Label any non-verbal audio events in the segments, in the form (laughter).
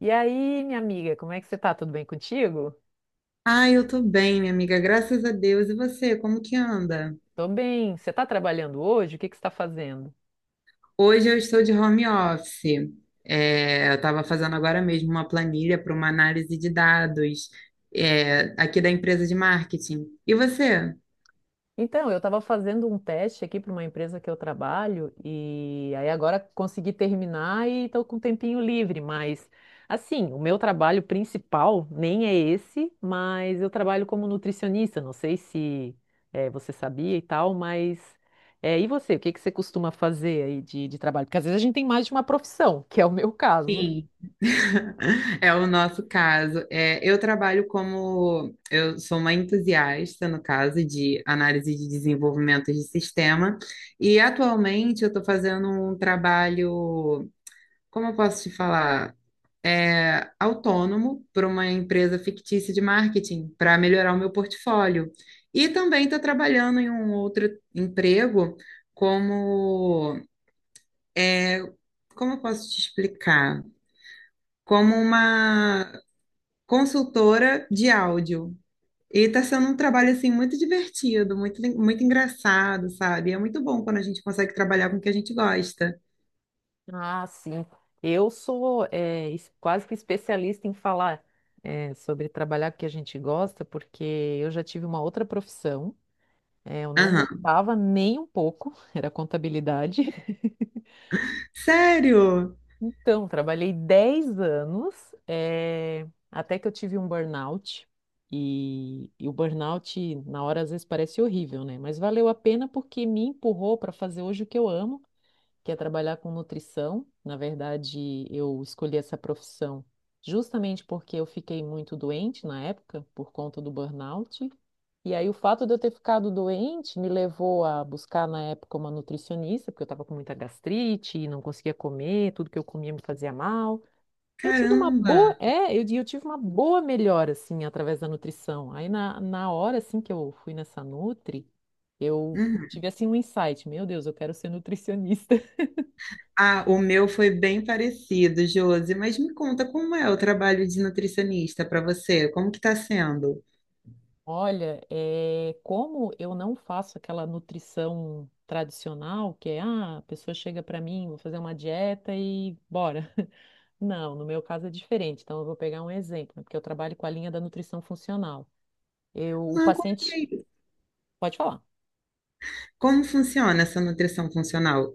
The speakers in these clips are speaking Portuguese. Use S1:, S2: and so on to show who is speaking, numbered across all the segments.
S1: E aí, minha amiga, como é que você tá? Tudo bem contigo?
S2: Ah, eu tô bem, minha amiga, graças a Deus. E você, como que anda?
S1: Tô bem. Você tá trabalhando hoje? O que que você tá fazendo?
S2: Hoje eu estou de home office. Eu estava fazendo agora mesmo uma planilha para uma análise de dados, aqui da empresa de marketing. E você?
S1: Então, eu estava fazendo um teste aqui para uma empresa que eu trabalho e aí agora consegui terminar e estou com um tempinho livre, mas assim, o meu trabalho principal nem é esse, mas eu trabalho como nutricionista, não sei se você sabia e tal, mas e você, o que que você costuma fazer aí de trabalho? Porque às vezes a gente tem mais de uma profissão, que é o meu caso.
S2: Sim. (laughs) É o nosso caso. É, eu trabalho como, eu sou uma entusiasta, no caso, de análise de desenvolvimento de sistema, e atualmente eu estou fazendo um trabalho, como eu posso te falar? Autônomo para uma empresa fictícia de marketing para melhorar o meu portfólio. E também estou trabalhando em um outro emprego como, é, como eu posso te explicar? Como uma consultora de áudio. E está sendo um trabalho assim muito divertido, muito, muito engraçado, sabe? É muito bom quando a gente consegue trabalhar com o que a gente gosta.
S1: Ah, sim. Eu sou quase que especialista em falar sobre trabalhar com o que a gente gosta, porque eu já tive uma outra profissão. Eu não
S2: Aham.
S1: gostava nem um pouco, (laughs) era contabilidade.
S2: Sério?
S1: Então, trabalhei 10 anos, até que eu tive um burnout. E o burnout, na hora, às vezes parece horrível, né? Mas valeu a pena porque me empurrou para fazer hoje o que eu amo, que é trabalhar com nutrição. Na verdade, eu escolhi essa profissão justamente porque eu fiquei muito doente na época, por conta do burnout. E aí, o fato de eu ter ficado doente me levou a buscar, na época, uma nutricionista, porque eu estava com muita gastrite e não conseguia comer, tudo que eu comia me fazia mal. Eu tive uma
S2: Caramba!
S1: boa, é, eu, di- eu tive uma boa melhora, assim, através da nutrição. Aí, na hora, assim, que eu fui nessa Nutri, eu
S2: Uhum.
S1: tive, assim, um insight: meu Deus, eu quero ser nutricionista.
S2: Ah, o meu foi bem parecido, Josi, mas me conta, como é o trabalho de nutricionista para você? Como que está sendo?
S1: Olha, é, como eu não faço aquela nutrição tradicional, que é, ah, a pessoa chega para mim, vou fazer uma dieta e bora. (laughs) Não, no meu caso é diferente. Então, eu vou pegar um exemplo, né, porque eu trabalho com a linha da nutrição funcional. Eu, o
S2: Ah, como que
S1: paciente,
S2: é isso?
S1: pode falar.
S2: Como funciona essa nutrição funcional?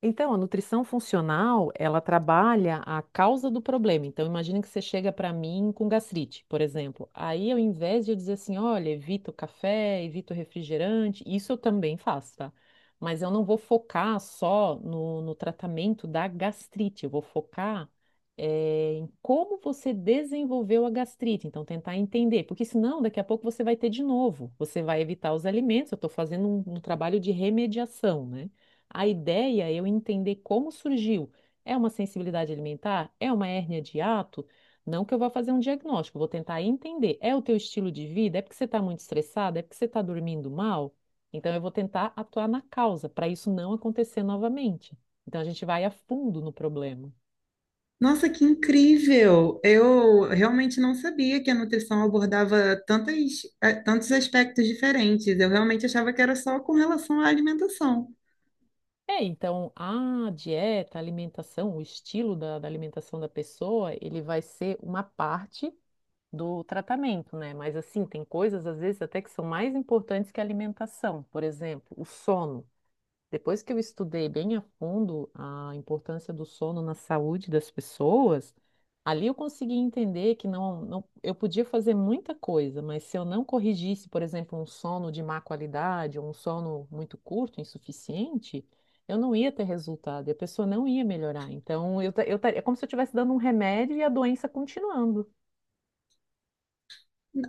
S1: Então, a nutrição funcional, ela trabalha a causa do problema. Então, imagina que você chega para mim com gastrite, por exemplo. Aí, ao invés de eu dizer assim, olha, evita o café, evita o refrigerante, isso eu também faço, tá? Mas eu não vou focar só no tratamento da gastrite, eu vou focar em como você desenvolveu a gastrite. Então, tentar entender, porque senão daqui a pouco você vai ter de novo. Você vai evitar os alimentos, eu estou fazendo um trabalho de remediação, né? A ideia é eu entender como surgiu. É uma sensibilidade alimentar? É uma hérnia de hiato? Não que eu vá fazer um diagnóstico, eu vou tentar entender. É o teu estilo de vida? É porque você está muito estressado? É porque você está dormindo mal? Então eu vou tentar atuar na causa para isso não acontecer novamente. Então a gente vai a fundo no problema.
S2: Nossa, que incrível! Eu realmente não sabia que a nutrição abordava tantas, tantos aspectos diferentes. Eu realmente achava que era só com relação à alimentação.
S1: É, então a dieta, a alimentação, o estilo da alimentação da pessoa, ele vai ser uma parte do tratamento, né? Mas assim, tem coisas às vezes até que são mais importantes que a alimentação. Por exemplo, o sono. Depois que eu estudei bem a fundo a importância do sono na saúde das pessoas, ali eu consegui entender que não, não, eu podia fazer muita coisa, mas se eu não corrigisse, por exemplo, um sono de má qualidade ou um sono muito curto, insuficiente, eu não ia ter resultado e a pessoa não ia melhorar. Então, é como se eu estivesse dando um remédio e a doença continuando.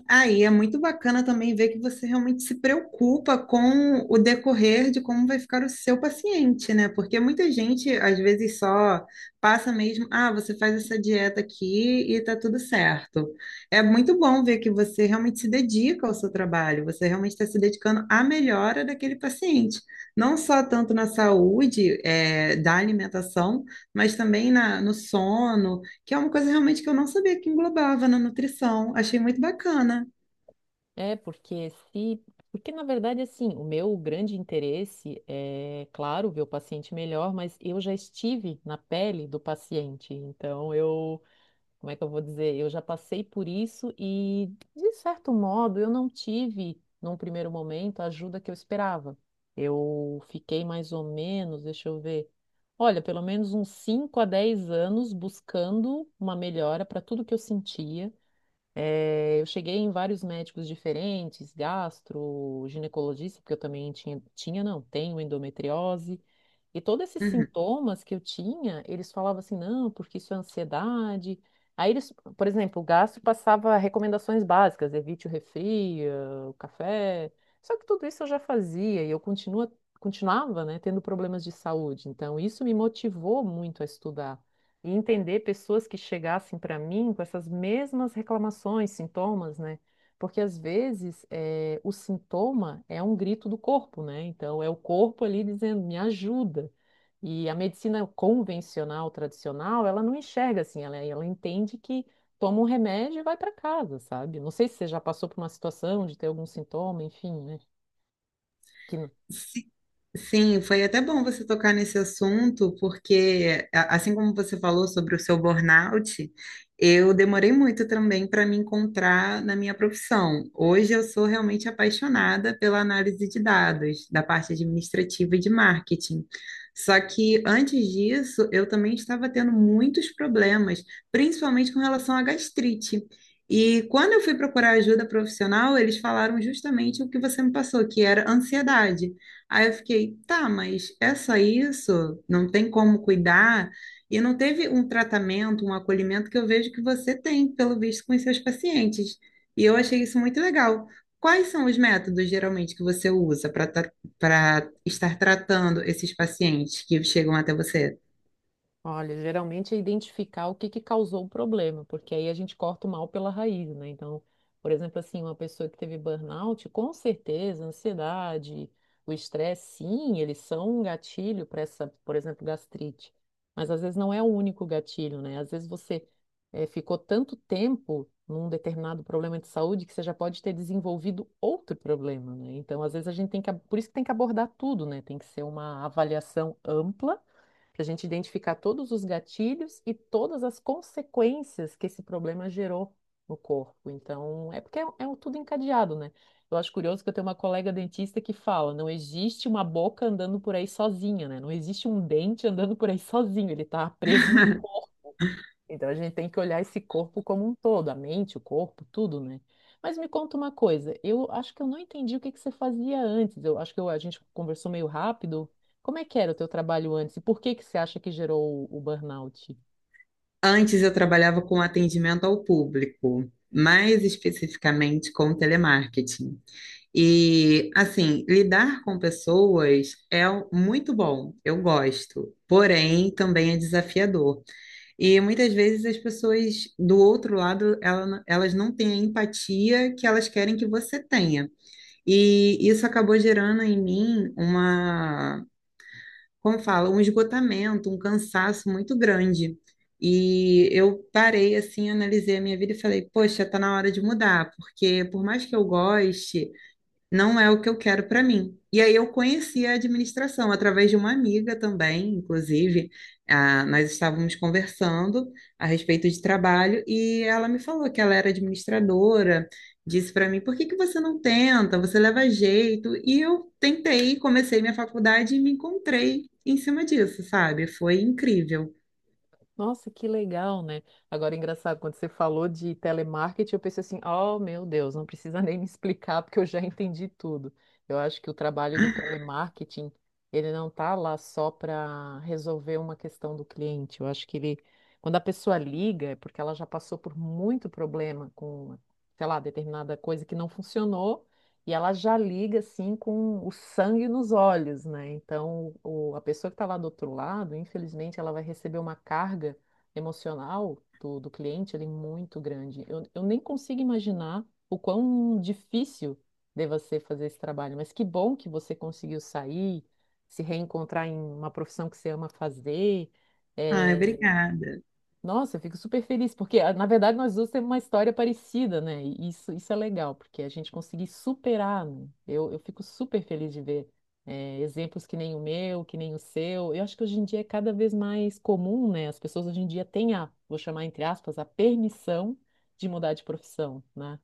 S2: Aí é muito bacana também ver que você realmente se preocupa com o decorrer de como vai ficar o seu paciente, né? Porque muita gente, às vezes, só passa mesmo, ah, você faz essa dieta aqui e tá tudo certo. É muito bom ver que você realmente se dedica ao seu trabalho, você realmente está se dedicando à melhora daquele paciente. Não só tanto na saúde, da alimentação, mas também na, no sono, que é uma coisa realmente que eu não sabia que englobava na nutrição. Achei muito bacana.
S1: É, porque se. Porque, na verdade, assim, o meu grande interesse é, claro, ver o paciente melhor, mas eu já estive na pele do paciente. Então, eu. Como é que eu vou dizer? Eu já passei por isso e, de certo modo, eu não tive, num primeiro momento, a ajuda que eu esperava. Eu fiquei mais ou menos, deixa eu ver. Olha, pelo menos uns 5 a 10 anos buscando uma melhora para tudo que eu sentia. Eu cheguei em vários médicos diferentes, gastro, ginecologista, porque eu também tinha, tinha, não, tenho endometriose. E todos esses
S2: Uhum.
S1: sintomas que eu tinha, eles falavam assim, não, porque isso é ansiedade. Aí eles, por exemplo, o gastro passava recomendações básicas, evite o refri, o café. Só que tudo isso eu já fazia e eu continuava, né, tendo problemas de saúde. Então, isso me motivou muito a estudar e entender pessoas que chegassem para mim com essas mesmas reclamações, sintomas, né? Porque às vezes o sintoma é um grito do corpo, né? Então é o corpo ali dizendo, me ajuda. E a medicina convencional, tradicional, ela não enxerga assim, ela entende que toma um remédio e vai para casa, sabe? Não sei se você já passou por uma situação de ter algum sintoma, enfim, né? Que...
S2: Si- Sim, foi até bom você tocar nesse assunto, porque assim como você falou sobre o seu burnout, eu demorei muito também para me encontrar na minha profissão. Hoje eu sou realmente apaixonada pela análise de dados, da parte administrativa e de marketing. Só que antes disso, eu também estava tendo muitos problemas, principalmente com relação à gastrite. E quando eu fui procurar ajuda profissional, eles falaram justamente o que você me passou, que era ansiedade. Aí eu fiquei, tá, mas é só isso? Não tem como cuidar? E não teve um tratamento, um acolhimento que eu vejo que você tem, pelo visto, com os seus pacientes. E eu achei isso muito legal. Quais são os métodos, geralmente, que você usa para estar tratando esses pacientes que chegam até você?
S1: Olha, geralmente é identificar o que que causou o problema, porque aí a gente corta o mal pela raiz, né? Então, por exemplo, assim, uma pessoa que teve burnout, com certeza, a ansiedade, o estresse, sim, eles são um gatilho para essa, por exemplo, gastrite. Mas às vezes não é o único gatilho, né? Às vezes você ficou tanto tempo num determinado problema de saúde que você já pode ter desenvolvido outro problema, né? Então, às vezes a gente tem que, por isso que tem que abordar tudo, né? Tem que ser uma avaliação ampla para a gente identificar todos os gatilhos e todas as consequências que esse problema gerou no corpo. Então, é porque é um tudo encadeado, né? Eu acho curioso que eu tenho uma colega dentista que fala: não existe uma boca andando por aí sozinha, né? Não existe um dente andando por aí sozinho, ele está preso num...
S2: (laughs)
S1: Então a gente tem que olhar esse corpo como um todo, a mente, o corpo, tudo, né? Mas me conta uma coisa, eu acho que eu não entendi o que que você fazia antes. Eu acho que a gente conversou meio rápido. Como é que era o teu trabalho antes e por que que você acha que gerou o burnout?
S2: Antes eu trabalhava com atendimento ao público, mais especificamente com telemarketing. E, assim, lidar com pessoas é muito bom, eu gosto, porém também é desafiador. E muitas vezes as pessoas do outro lado, elas não têm a empatia que elas querem que você tenha. E isso acabou gerando em mim uma, como fala, um esgotamento, um cansaço muito grande. E eu parei assim, analisei a minha vida e falei, poxa, tá na hora de mudar, porque por mais que eu goste, não é o que eu quero para mim. E aí eu conheci a administração através de uma amiga também, inclusive. Ah, nós estávamos conversando a respeito de trabalho e ela me falou que ela era administradora, disse para mim, por que que você não tenta? Você leva jeito. E eu tentei, comecei minha faculdade e me encontrei em cima disso, sabe? Foi incrível.
S1: Nossa, que legal, né? Agora, engraçado, quando você falou de telemarketing, eu pensei assim, oh, meu Deus, não precisa (laughs) nem me explicar, porque eu já entendi tudo. Eu acho que o trabalho do telemarketing, ele não tá lá só para resolver uma questão do cliente. Eu acho que ele, quando a pessoa liga, é porque ela já passou por muito problema com, sei lá, determinada coisa que não funcionou, e ela já liga assim com o sangue nos olhos, né? Então, a pessoa que está lá do outro lado, infelizmente, ela vai receber uma carga emocional do cliente ali muito grande. Eu nem consigo imaginar o quão difícil deva ser fazer esse trabalho, mas que bom que você conseguiu sair, se reencontrar em uma profissão que você ama fazer.
S2: Ai,
S1: Eh,
S2: obrigada.
S1: Nossa, eu fico super feliz, porque na verdade nós duas temos uma história parecida, né? E isso é legal, porque a gente conseguir superar, né? Eu fico super feliz de ver exemplos que nem o meu, que nem o seu. Eu acho que hoje em dia é cada vez mais comum, né? As pessoas hoje em dia têm a, vou chamar entre aspas, a permissão de mudar de profissão, né?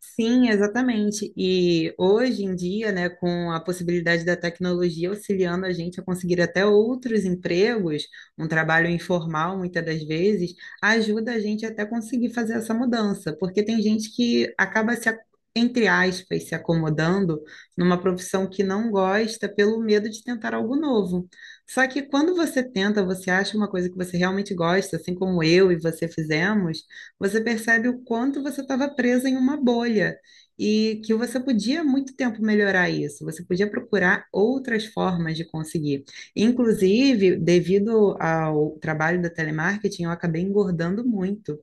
S2: Sim, exatamente. E hoje em dia, né, com a possibilidade da tecnologia auxiliando a gente a conseguir até outros empregos, um trabalho informal muitas das vezes, ajuda a gente até conseguir fazer essa mudança, porque tem gente que acaba se, entre aspas, se acomodando numa profissão que não gosta pelo medo de tentar algo novo. Só que quando você tenta, você acha uma coisa que você realmente gosta, assim como eu e você fizemos, você percebe o quanto você estava presa em uma bolha e que você podia há muito tempo melhorar isso, você podia procurar outras formas de conseguir. Inclusive, devido ao trabalho da telemarketing, eu acabei engordando muito.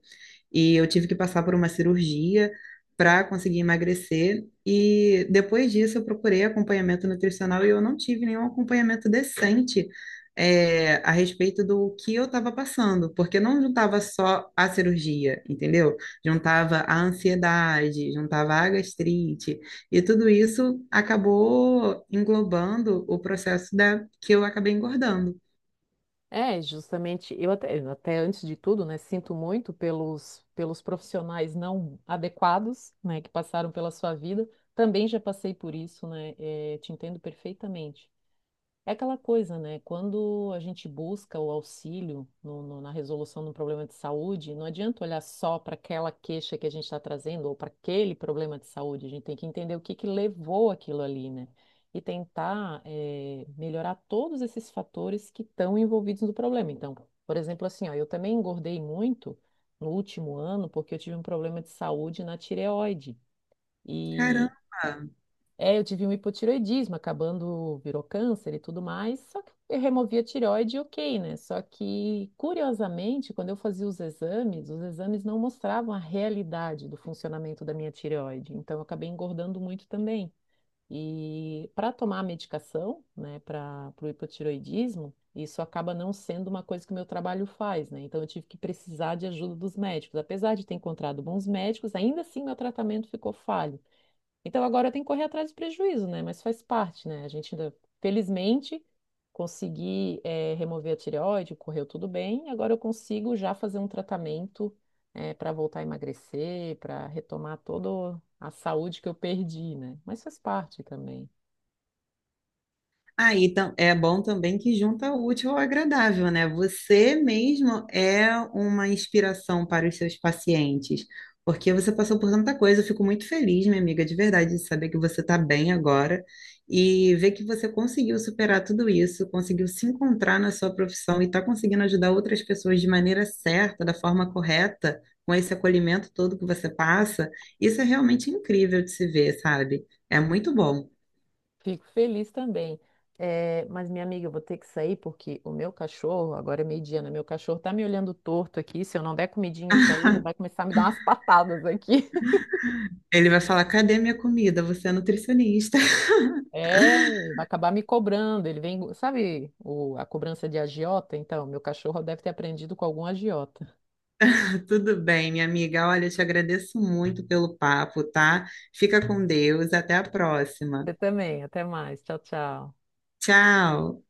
S2: E eu tive que passar por uma cirurgia para conseguir emagrecer. E depois disso, eu procurei acompanhamento nutricional e eu não tive nenhum acompanhamento decente, a respeito do que eu estava passando, porque não juntava só a cirurgia, entendeu? Juntava a ansiedade, juntava a gastrite, e tudo isso acabou englobando o processo da, que eu acabei engordando.
S1: É, justamente, eu até antes de tudo, né, sinto muito pelos profissionais não adequados, né, que passaram pela sua vida. Também já passei por isso, né, te entendo perfeitamente. É aquela coisa, né? Quando a gente busca o auxílio na resolução de um problema de saúde, não adianta olhar só para aquela queixa que a gente está trazendo ou para aquele problema de saúde. A gente tem que entender o que que levou aquilo ali, né? E tentar, melhorar todos esses fatores que estão envolvidos no problema. Então, por exemplo, assim, ó, eu também engordei muito no último ano porque eu tive um problema de saúde na tireoide.
S2: Caramba!
S1: É, eu tive um hipotireoidismo, acabando virou câncer e tudo mais, só que eu removi a tireoide, e ok, né? Só que, curiosamente, quando eu fazia os exames não mostravam a realidade do funcionamento da minha tireoide, então eu acabei engordando muito também. E para tomar a medicação, né, para o hipotireoidismo, isso acaba não sendo uma coisa que o meu trabalho faz, né? Então eu tive que precisar de ajuda dos médicos. Apesar de ter encontrado bons médicos, ainda assim meu tratamento ficou falho. Então agora eu tenho que correr atrás do prejuízo, né? Mas faz parte, né? A gente ainda, felizmente, consegui, remover a tireoide, correu tudo bem. Agora eu consigo já fazer um tratamento para voltar a emagrecer, para retomar toda a saúde que eu perdi, né? Mas faz parte também.
S2: É bom também que junta o útil ao agradável, né? Você mesmo é uma inspiração para os seus pacientes, porque você passou por tanta coisa. Eu fico muito feliz, minha amiga, de verdade, de saber que você está bem agora e ver que você conseguiu superar tudo isso, conseguiu se encontrar na sua profissão e está conseguindo ajudar outras pessoas de maneira certa, da forma correta, com esse acolhimento todo que você passa. Isso é realmente incrível de se ver, sabe? É muito bom.
S1: Fico feliz também. Mas, minha amiga, eu vou ter que sair porque o meu cachorro, agora é meio-dia, né? Meu cachorro tá me olhando torto aqui. Se eu não der comidinha para ele, ele vai começar a me dar umas (laughs) patadas aqui.
S2: Ele vai falar: cadê minha comida? Você é nutricionista.
S1: É, vai acabar me cobrando. Ele vem, sabe, a cobrança de agiota? Então, meu cachorro deve ter aprendido com algum agiota.
S2: (laughs) Tudo bem, minha amiga. Olha, eu te agradeço muito pelo papo, tá? Fica com Deus. Até a próxima.
S1: Você também, até mais. Tchau, tchau.
S2: Tchau.